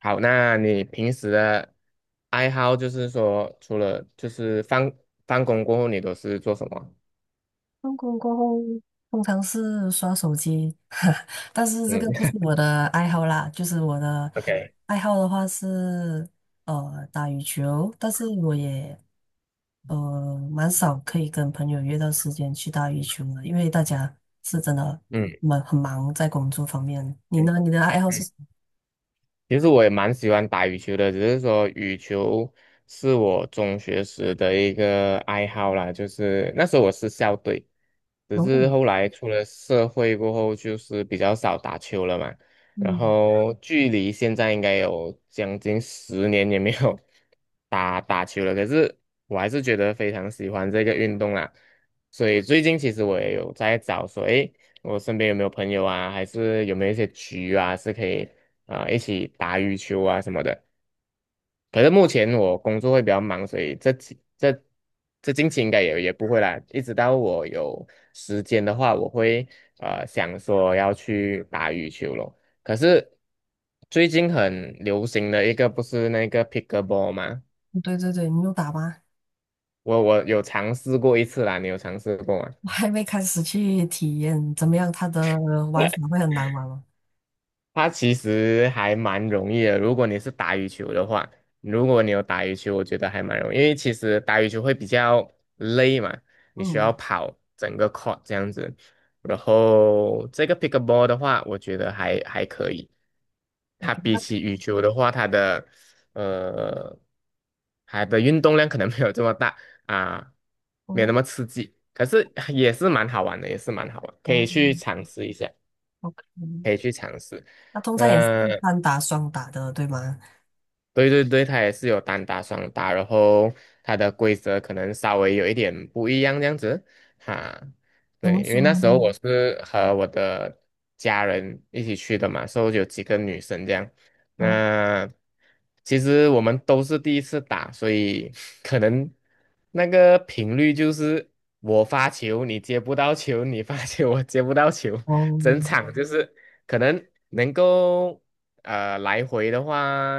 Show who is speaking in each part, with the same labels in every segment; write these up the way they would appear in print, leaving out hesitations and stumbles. Speaker 1: 好，那你平时的爱好就是说，除了就是放工过后，你都是做什么？
Speaker 2: 放工过后，通常是刷手机，但是这
Speaker 1: 嗯
Speaker 2: 个不是 我的爱好啦。就是我的
Speaker 1: OK，
Speaker 2: 爱好的话是打羽球，但是我也蛮少可以跟朋友约到时间去打羽球的，因为大家是真的
Speaker 1: 嗯
Speaker 2: 蛮很忙在工作方面。你
Speaker 1: 嗯
Speaker 2: 呢？你的爱好是
Speaker 1: 嗯。
Speaker 2: 什么？
Speaker 1: 其实我也蛮喜欢打羽球的，只是说羽球是我中学时的一个爱好啦，就是那时候我是校队，只是
Speaker 2: 泳。
Speaker 1: 后来出了社会过后，就是比较少打球了嘛。然
Speaker 2: 嗯，
Speaker 1: 后距离现在应该有将近10年也没有 打球了，可是我还是觉得非常喜欢这个运动啦。所以最近其实我也有在找说，诶。我身边有没有朋友啊，还是有没有一些局啊，是可以啊、一起打羽球啊什么的。可是目前我工作会比较忙，所以这几这这近期应该也不会啦。一直到我有时间的话，我会想说要去打羽球咯。可是最近很流行的一个不是那个 pickleball 吗？
Speaker 2: 对对对，你有打吗？
Speaker 1: 我有尝试过一次啦，你有尝试过吗？
Speaker 2: 我还没开始去体验怎么样，它的玩法会很难玩吗？
Speaker 1: 它其实还蛮容易的，如果你是打羽球的话，如果你有打羽球，我觉得还蛮容易，因为其实打羽球会比较累嘛，你需要
Speaker 2: 嗯
Speaker 1: 跑整个 court 这样子。然后这个 pickleball 的话，我觉得还可以。它
Speaker 2: ，OK，
Speaker 1: 比
Speaker 2: 那
Speaker 1: 起羽球的话，它的呃，它的运动量可能没有这么大啊，没有那
Speaker 2: 哦。
Speaker 1: 么刺激，可是也是蛮好玩的，也是蛮好玩，可以
Speaker 2: 哦
Speaker 1: 去尝试一下。
Speaker 2: OK，
Speaker 1: 可以去尝试。
Speaker 2: 那通常也是
Speaker 1: 那
Speaker 2: 单打双打的，对吗？
Speaker 1: 对对对，它也是有单打、双打，然后它的规则可能稍微有一点不一样这样子哈。
Speaker 2: 怎
Speaker 1: 对，
Speaker 2: 么
Speaker 1: 因
Speaker 2: 说
Speaker 1: 为那时候
Speaker 2: 呢？
Speaker 1: 我是和我的家人一起去的嘛，所以有几个女生这样。
Speaker 2: 嗯，
Speaker 1: 那其实我们都是第一次打，所以 可能那个频率就是我发球你接不到球，你发球我接不到球，整
Speaker 2: 哦，
Speaker 1: 场就是可能能够。来回的话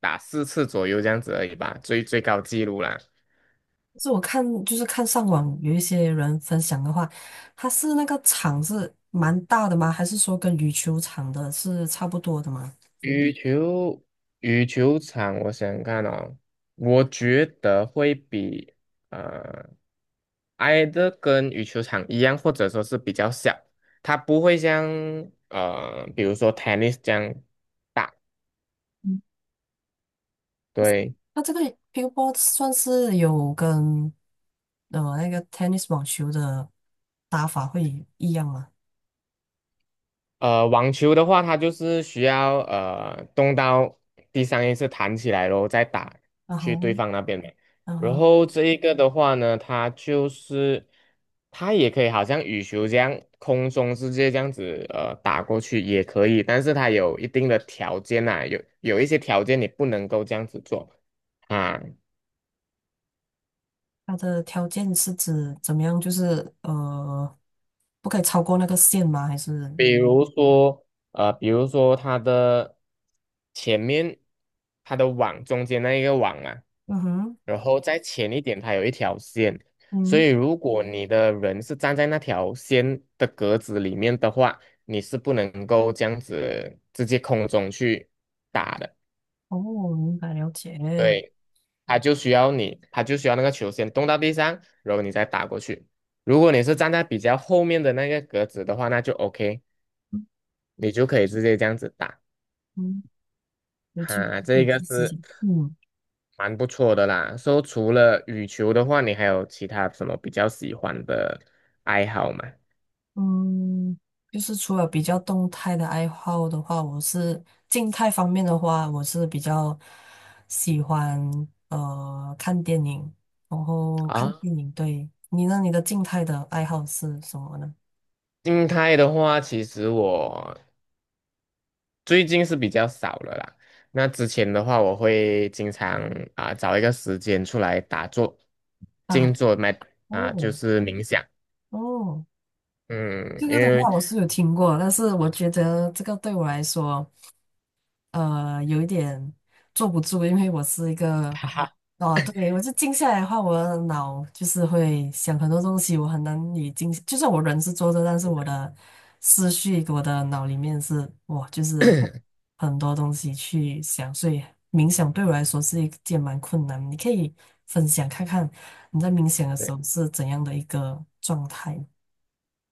Speaker 1: 打4次左右这样子而已吧，最高纪录啦。
Speaker 2: 就是我看，就是看上网有一些人分享的话，他是那个场是蛮大的吗？还是说跟羽球场的是差不多的吗？
Speaker 1: 羽球羽球场，我想想看哦，我觉得会比呃挨得跟羽球场一样，或者说是比较小，它不会像比如说 tennis 这样大，
Speaker 2: 嗯，
Speaker 1: 对。
Speaker 2: 那这个乒乓波算是有跟那个 tennis 网球的打法会一样吗？
Speaker 1: 网球的话，它就是需要动到一次弹起来咯，然再打
Speaker 2: 啊
Speaker 1: 去对
Speaker 2: 哈，
Speaker 1: 方那边嘛。
Speaker 2: 嗯
Speaker 1: 然
Speaker 2: 哼。
Speaker 1: 后这一个的话呢，它就是它也可以好像羽球这样空中直接这样子打过去也可以，但是它有一定的条件呐、有一些条件你不能够这样子做啊。
Speaker 2: 它的条件是指怎么样？就是不可以超过那个线吗？还是
Speaker 1: 比如说，比如说它的前面，它的网中间那一个网啊，
Speaker 2: 嗯哼
Speaker 1: 然后再前一点，它有一条线，所
Speaker 2: 嗯
Speaker 1: 以如果你的人是站在那条线的格子里面的话，你是不能够这样子直接空中去打的，
Speaker 2: 哦，明白了解。
Speaker 1: 对，它就需要你，它就需要那个球先动到地上，然后你再打过去。如果你是站在比较后面的那个格子的话，那就 OK，你就可以直接这样子打。
Speaker 2: 嗯，有机会
Speaker 1: 哈，
Speaker 2: 可
Speaker 1: 这
Speaker 2: 以
Speaker 1: 个
Speaker 2: 去试试。
Speaker 1: 是
Speaker 2: 嗯
Speaker 1: 蛮不错的啦。说除了羽球的话，你还有其他什么比较喜欢的爱好吗？
Speaker 2: 嗯，就是除了比较动态的爱好的话，我是静态方面的话，我是比较喜欢看电影，然后看
Speaker 1: 啊，
Speaker 2: 电影。对，你呢？你的静态的爱好是什么呢？
Speaker 1: 静态的话，其实我最近是比较少了啦。那之前的话，我会经常啊、找一个时间出来打坐、静
Speaker 2: 啊，
Speaker 1: 坐，麦啊、就
Speaker 2: 哦
Speaker 1: 是冥想。
Speaker 2: 哦。
Speaker 1: 嗯，
Speaker 2: 这个
Speaker 1: 因
Speaker 2: 的
Speaker 1: 为
Speaker 2: 话我是有听过，但是我觉得这个对我来说，有一点坐不住，因为我是一 个，
Speaker 1: 哈哈，
Speaker 2: 哦，对，我就静下来的话，我的脑就是会想很多东西，我很难以静，就算我人是坐着，但是我的思绪，我的脑里面是，哇，就是 很多东西去想，所以冥想对我来说是一件蛮困难。你可以分享看看你在冥想的时
Speaker 1: 对
Speaker 2: 候是怎样的一个状态？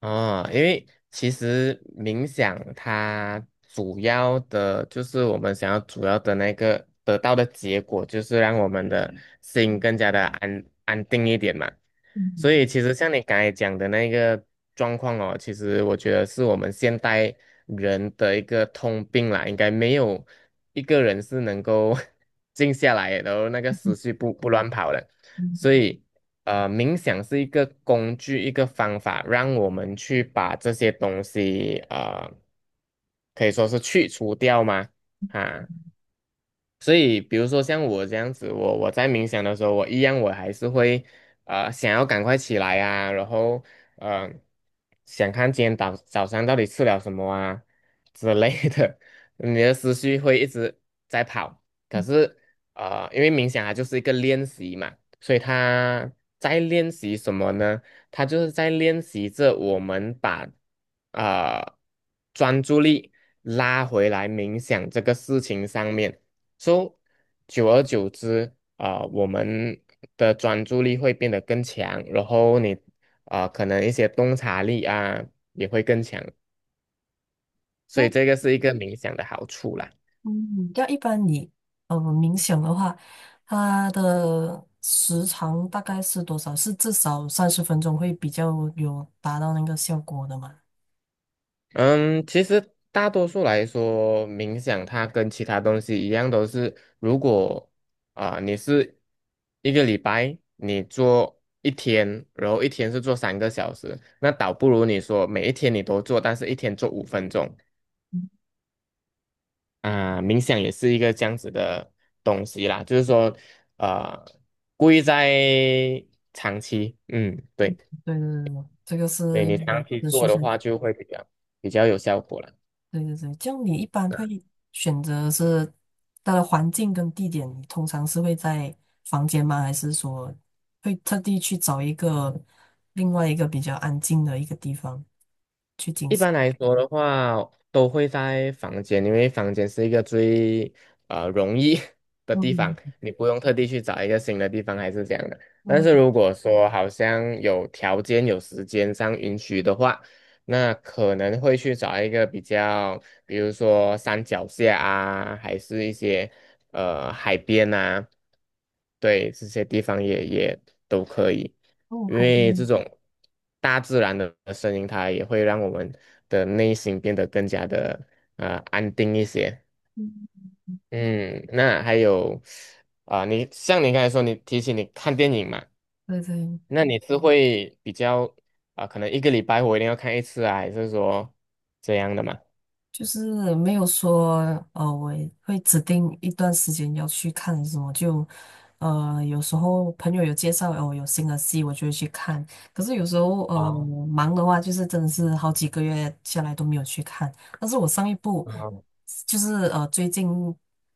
Speaker 1: 哦，因为其实冥想它主要的就是我们想要主要的那个得到的结果，就是让我们的嗯心更加的安定一点嘛。所以其实像你刚才讲的那个状况哦，其实我觉得是我们现代人的一个通病啦，应该没有一个人是能够 静下来，然后那个思绪不乱跑的。所以冥想是一个工具，一个方法，让我们去把这些东西，可以说是去除掉吗？啊，所以，比如说像我这样子，我在冥想的时候，我一样我还是会想要赶快起来啊，然后呃想看今天早上到底吃了什么啊之类的，你的思绪会一直在跑。可是因为冥想它就是一个练习嘛，所以它在练习什么呢？它就是在练习着我们把呃专注力拉回来冥想这个事情上面。So，久而久之啊、我们的专注力会变得更强，然后你啊、可能一些洞察力啊也会更强，所以这个是一个冥想的好处啦。
Speaker 2: 嗯，要一般你冥想的话，它的时长大概是多少？是至少30分钟会比较有达到那个效果的嘛？
Speaker 1: 嗯，其实大多数来说，冥想它跟其他东西一样，都是如果啊、你是一个礼拜你做一天，然后一天是做3个小时，那倒不如你说每一天你都做，但是一天做5分钟。啊、冥想也是一个这样子的东西啦，就是说，呃，故意在长期，嗯，对，
Speaker 2: 对对对，对这个是
Speaker 1: 对你长期
Speaker 2: 要
Speaker 1: 做
Speaker 2: 持续
Speaker 1: 的
Speaker 2: 下去。
Speaker 1: 话，就会比较有效果了。
Speaker 2: 对对对，这样你一般会选择是它的环境跟地点，你通常是会在房间吗？还是说会特地去找一个另外一个比较安静的一个地方去进
Speaker 1: 一
Speaker 2: 行？
Speaker 1: 般来说的话，都会在房间，因为房间是一个最容易 的地方，
Speaker 2: 嗯
Speaker 1: 你不用特地去找一个新的地方，还是这样的。但
Speaker 2: 嗯，
Speaker 1: 是如果说好像有条件、有时间上允许的话，那可能会去找一个比较，比如说山脚下啊，还是一些海边啊，对，这些地方也都可以。
Speaker 2: 哦，
Speaker 1: 因
Speaker 2: 海
Speaker 1: 为这
Speaker 2: 边，
Speaker 1: 种大自然的声音，它也会让我们的内心变得更加的安定一些。嗯，那还有啊、你像你刚才说，你提起你看电影嘛，
Speaker 2: 对对。
Speaker 1: 那你是会比较啊、可能一个礼拜我一定要看一次啊，还是说这样的嘛？
Speaker 2: 就是没有说，我会指定一段时间要去看什么，就，呃，有时候朋友有介绍，哦，有新的戏，我就会去看。可是有时候，
Speaker 1: 啊，
Speaker 2: 我忙的话，就是真的是好几个月下来都没有去看。但是我上一部，
Speaker 1: 啊
Speaker 2: 就是最近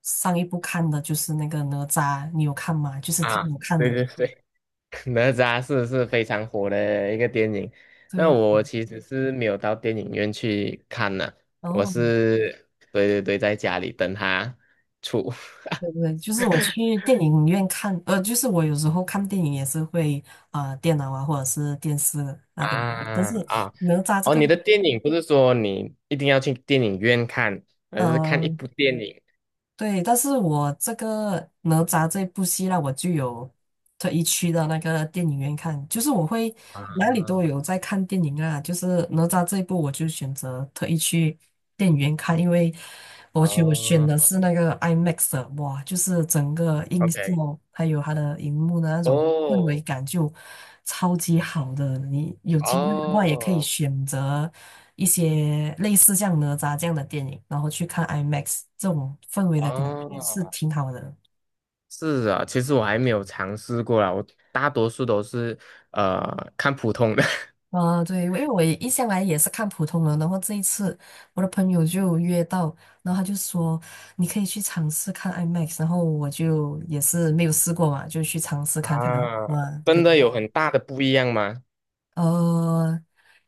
Speaker 2: 上一部看的就是那个哪吒，你有看吗？就是
Speaker 1: 啊，
Speaker 2: 挺好看
Speaker 1: 对
Speaker 2: 的。
Speaker 1: 对对，哪吒是非常火的一个电影，那
Speaker 2: 对，
Speaker 1: 我其实是没有到电影院去看呢、
Speaker 2: 然
Speaker 1: 我
Speaker 2: 后
Speaker 1: 是对对对，在家里等他出
Speaker 2: 对对，就是我去 电影院看，就是我有时候看电影也是会啊、电脑啊或者是电视那边看，但
Speaker 1: 啊
Speaker 2: 是
Speaker 1: 啊
Speaker 2: 哪吒这
Speaker 1: 哦，
Speaker 2: 个，
Speaker 1: 你的电影不是说你一定要去电影院看，而是看一
Speaker 2: 呃，
Speaker 1: 部电影
Speaker 2: 对，但是我这个哪吒这部戏呢，我就有特意去到那个电影院看，就是我会哪里
Speaker 1: 啊
Speaker 2: 都有在看电影啊，就是哪吒这一部我就选择特意去电影院看，因为我去我选的
Speaker 1: 哦
Speaker 2: 是那个 IMAX 的哇，就是整个音效
Speaker 1: ，OK，
Speaker 2: 还有它的荧幕的那种。氛围
Speaker 1: 哦
Speaker 2: 感就超级好的。你有机会的话，也可以
Speaker 1: 哦
Speaker 2: 选择一些类似像哪吒这样的电影，然后去看 IMAX，这种氛围的感觉是
Speaker 1: 哦，
Speaker 2: 挺好的。
Speaker 1: 是啊，其实我还没有尝试过啦，我大多数都是看普通的。
Speaker 2: 啊、对，因为我一向来也是看普通人，然后这一次我的朋友就有约到，然后他就说你可以去尝试看 IMAX，然后我就也是没有试过嘛，就去尝试看看。
Speaker 1: 啊，
Speaker 2: 哇，
Speaker 1: 真
Speaker 2: 对。
Speaker 1: 的有很大的不一样吗？
Speaker 2: 呃，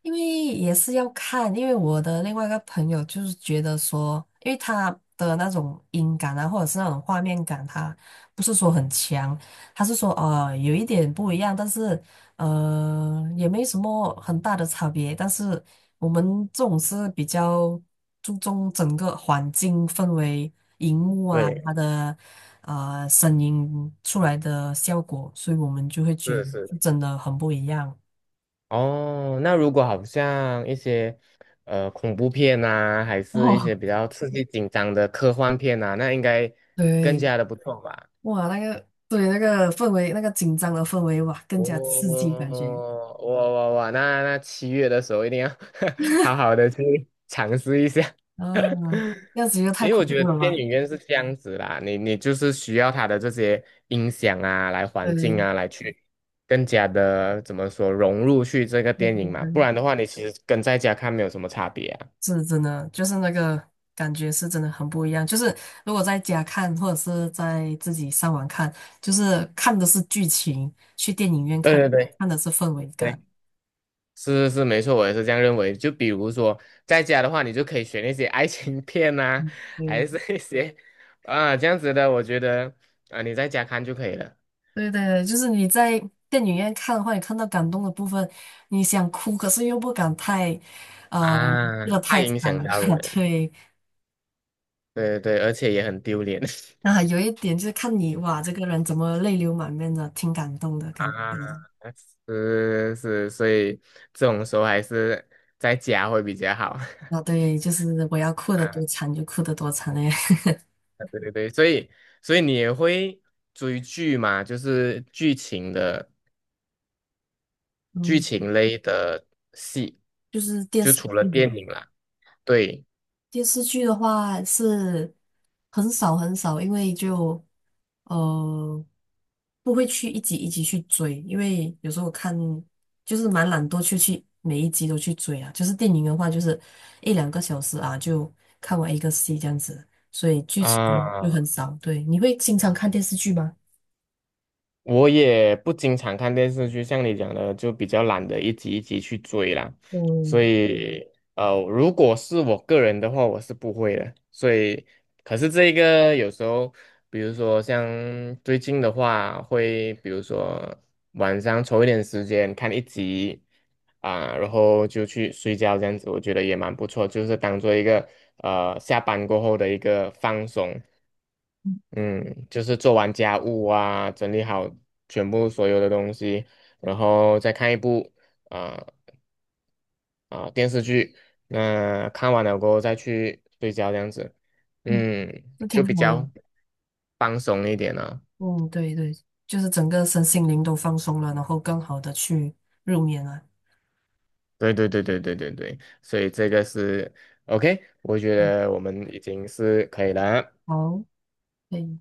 Speaker 2: 因为也是要看，因为我的另外一个朋友就是觉得说，因为他的那种音感啊，或者是那种画面感，他不是说很强，他是说有一点不一样，但是也没什么很大的差别。但是我们这种是比较注重整个环境氛围、荧幕啊，
Speaker 1: 对，
Speaker 2: 它的声音出来的效果，所以我们就会觉
Speaker 1: 是
Speaker 2: 得
Speaker 1: 是。
Speaker 2: 真的很不一样。
Speaker 1: 哦，那如果好像一些恐怖片呐，还是一些
Speaker 2: 哦，
Speaker 1: 比较刺激紧张的科幻片呐，那应该更
Speaker 2: 对，
Speaker 1: 加的不错吧？
Speaker 2: 哇，那个对那个氛围，那个紧张的氛围，哇，更加刺
Speaker 1: 哦，
Speaker 2: 激感觉
Speaker 1: 哇哇哇！那7月的时候一定要 好好的去尝试一下。
Speaker 2: 啊，那样子又太
Speaker 1: 因为
Speaker 2: 恐
Speaker 1: 我觉得
Speaker 2: 怖了
Speaker 1: 电
Speaker 2: 吧？
Speaker 1: 影院是这样子啦，你就是需要它的这些音响啊，来
Speaker 2: 对
Speaker 1: 环境
Speaker 2: 对
Speaker 1: 啊，来去更加的怎么说融入去这个电影嘛，不然的话，你其实跟在家看没有什么差别啊。
Speaker 2: 是真的，就是那个感觉是真的很不一样。就是如果在家看，或者是在自己上网看，就是看的是剧情，去电影院
Speaker 1: 对
Speaker 2: 看，
Speaker 1: 对对
Speaker 2: 看的是氛围
Speaker 1: 对，
Speaker 2: 感。
Speaker 1: 是是是，没错，我也是这样认为。就比如说在家的话，你就可以选那些爱情片呐，还
Speaker 2: 嗯。
Speaker 1: 是那些啊这样子的，我觉得啊你在家看就可以了
Speaker 2: 对对对，就是你在电影院看的话，你看到感动的部分，你想哭，可是又不敢太，哭
Speaker 1: 啊，
Speaker 2: 的
Speaker 1: 太
Speaker 2: 太
Speaker 1: 影
Speaker 2: 惨
Speaker 1: 响
Speaker 2: 了。
Speaker 1: 到 人，
Speaker 2: 对，
Speaker 1: 对对对，而且也很丢脸。
Speaker 2: 那还有一点就是看你哇，这个人怎么泪流满面的，挺感动的感
Speaker 1: 啊，
Speaker 2: 觉的
Speaker 1: 是是，所以这种时候还是在家会比较好
Speaker 2: 啊，对，就是我要哭的多
Speaker 1: 啊。
Speaker 2: 惨就哭的多惨嘞。
Speaker 1: 对对对，所以你也会追剧嘛？就是剧
Speaker 2: 嗯，
Speaker 1: 情类的戏，
Speaker 2: 就是电
Speaker 1: 就
Speaker 2: 视
Speaker 1: 除了
Speaker 2: 剧。
Speaker 1: 电影啦。对
Speaker 2: 电视剧的话是很少很少，因为就呃不会去一集一集去追，因为有时候我看就是蛮懒惰去每一集都去追啊。就是电影的话，就是一两个小时啊就看完一个戏这样子，所以剧情就
Speaker 1: 啊，
Speaker 2: 很少。对，你会经常看电视剧吗？
Speaker 1: 我也不经常看电视剧，像你讲的，就比较懒得一集一集去追啦。所嗯
Speaker 2: 嗯
Speaker 1: 以，如果是我个人的话，我是不会的。所以，可是这一个有时候，比如说像最近的话，会比如说晚上抽一点时间看一集啊，然后就去睡觉这样子，我觉得也蛮不错，就是当做一个下班过后的一个放松。嗯，就是做完家务啊，整理好全部所有的东西，然后再看一部啊、电视剧。那看完了过后再去睡觉，这样子，
Speaker 2: 嗯，
Speaker 1: 嗯，
Speaker 2: 那
Speaker 1: 就
Speaker 2: 挺
Speaker 1: 比
Speaker 2: 好的。
Speaker 1: 较放松一点了。
Speaker 2: 嗯，对对，就是整个身心灵都放松了，然后更好的去入眠了。
Speaker 1: 对对对对对对对，所以这个是 OK，我觉
Speaker 2: 嗯，
Speaker 1: 得我们已经是可以了。
Speaker 2: 好。可以。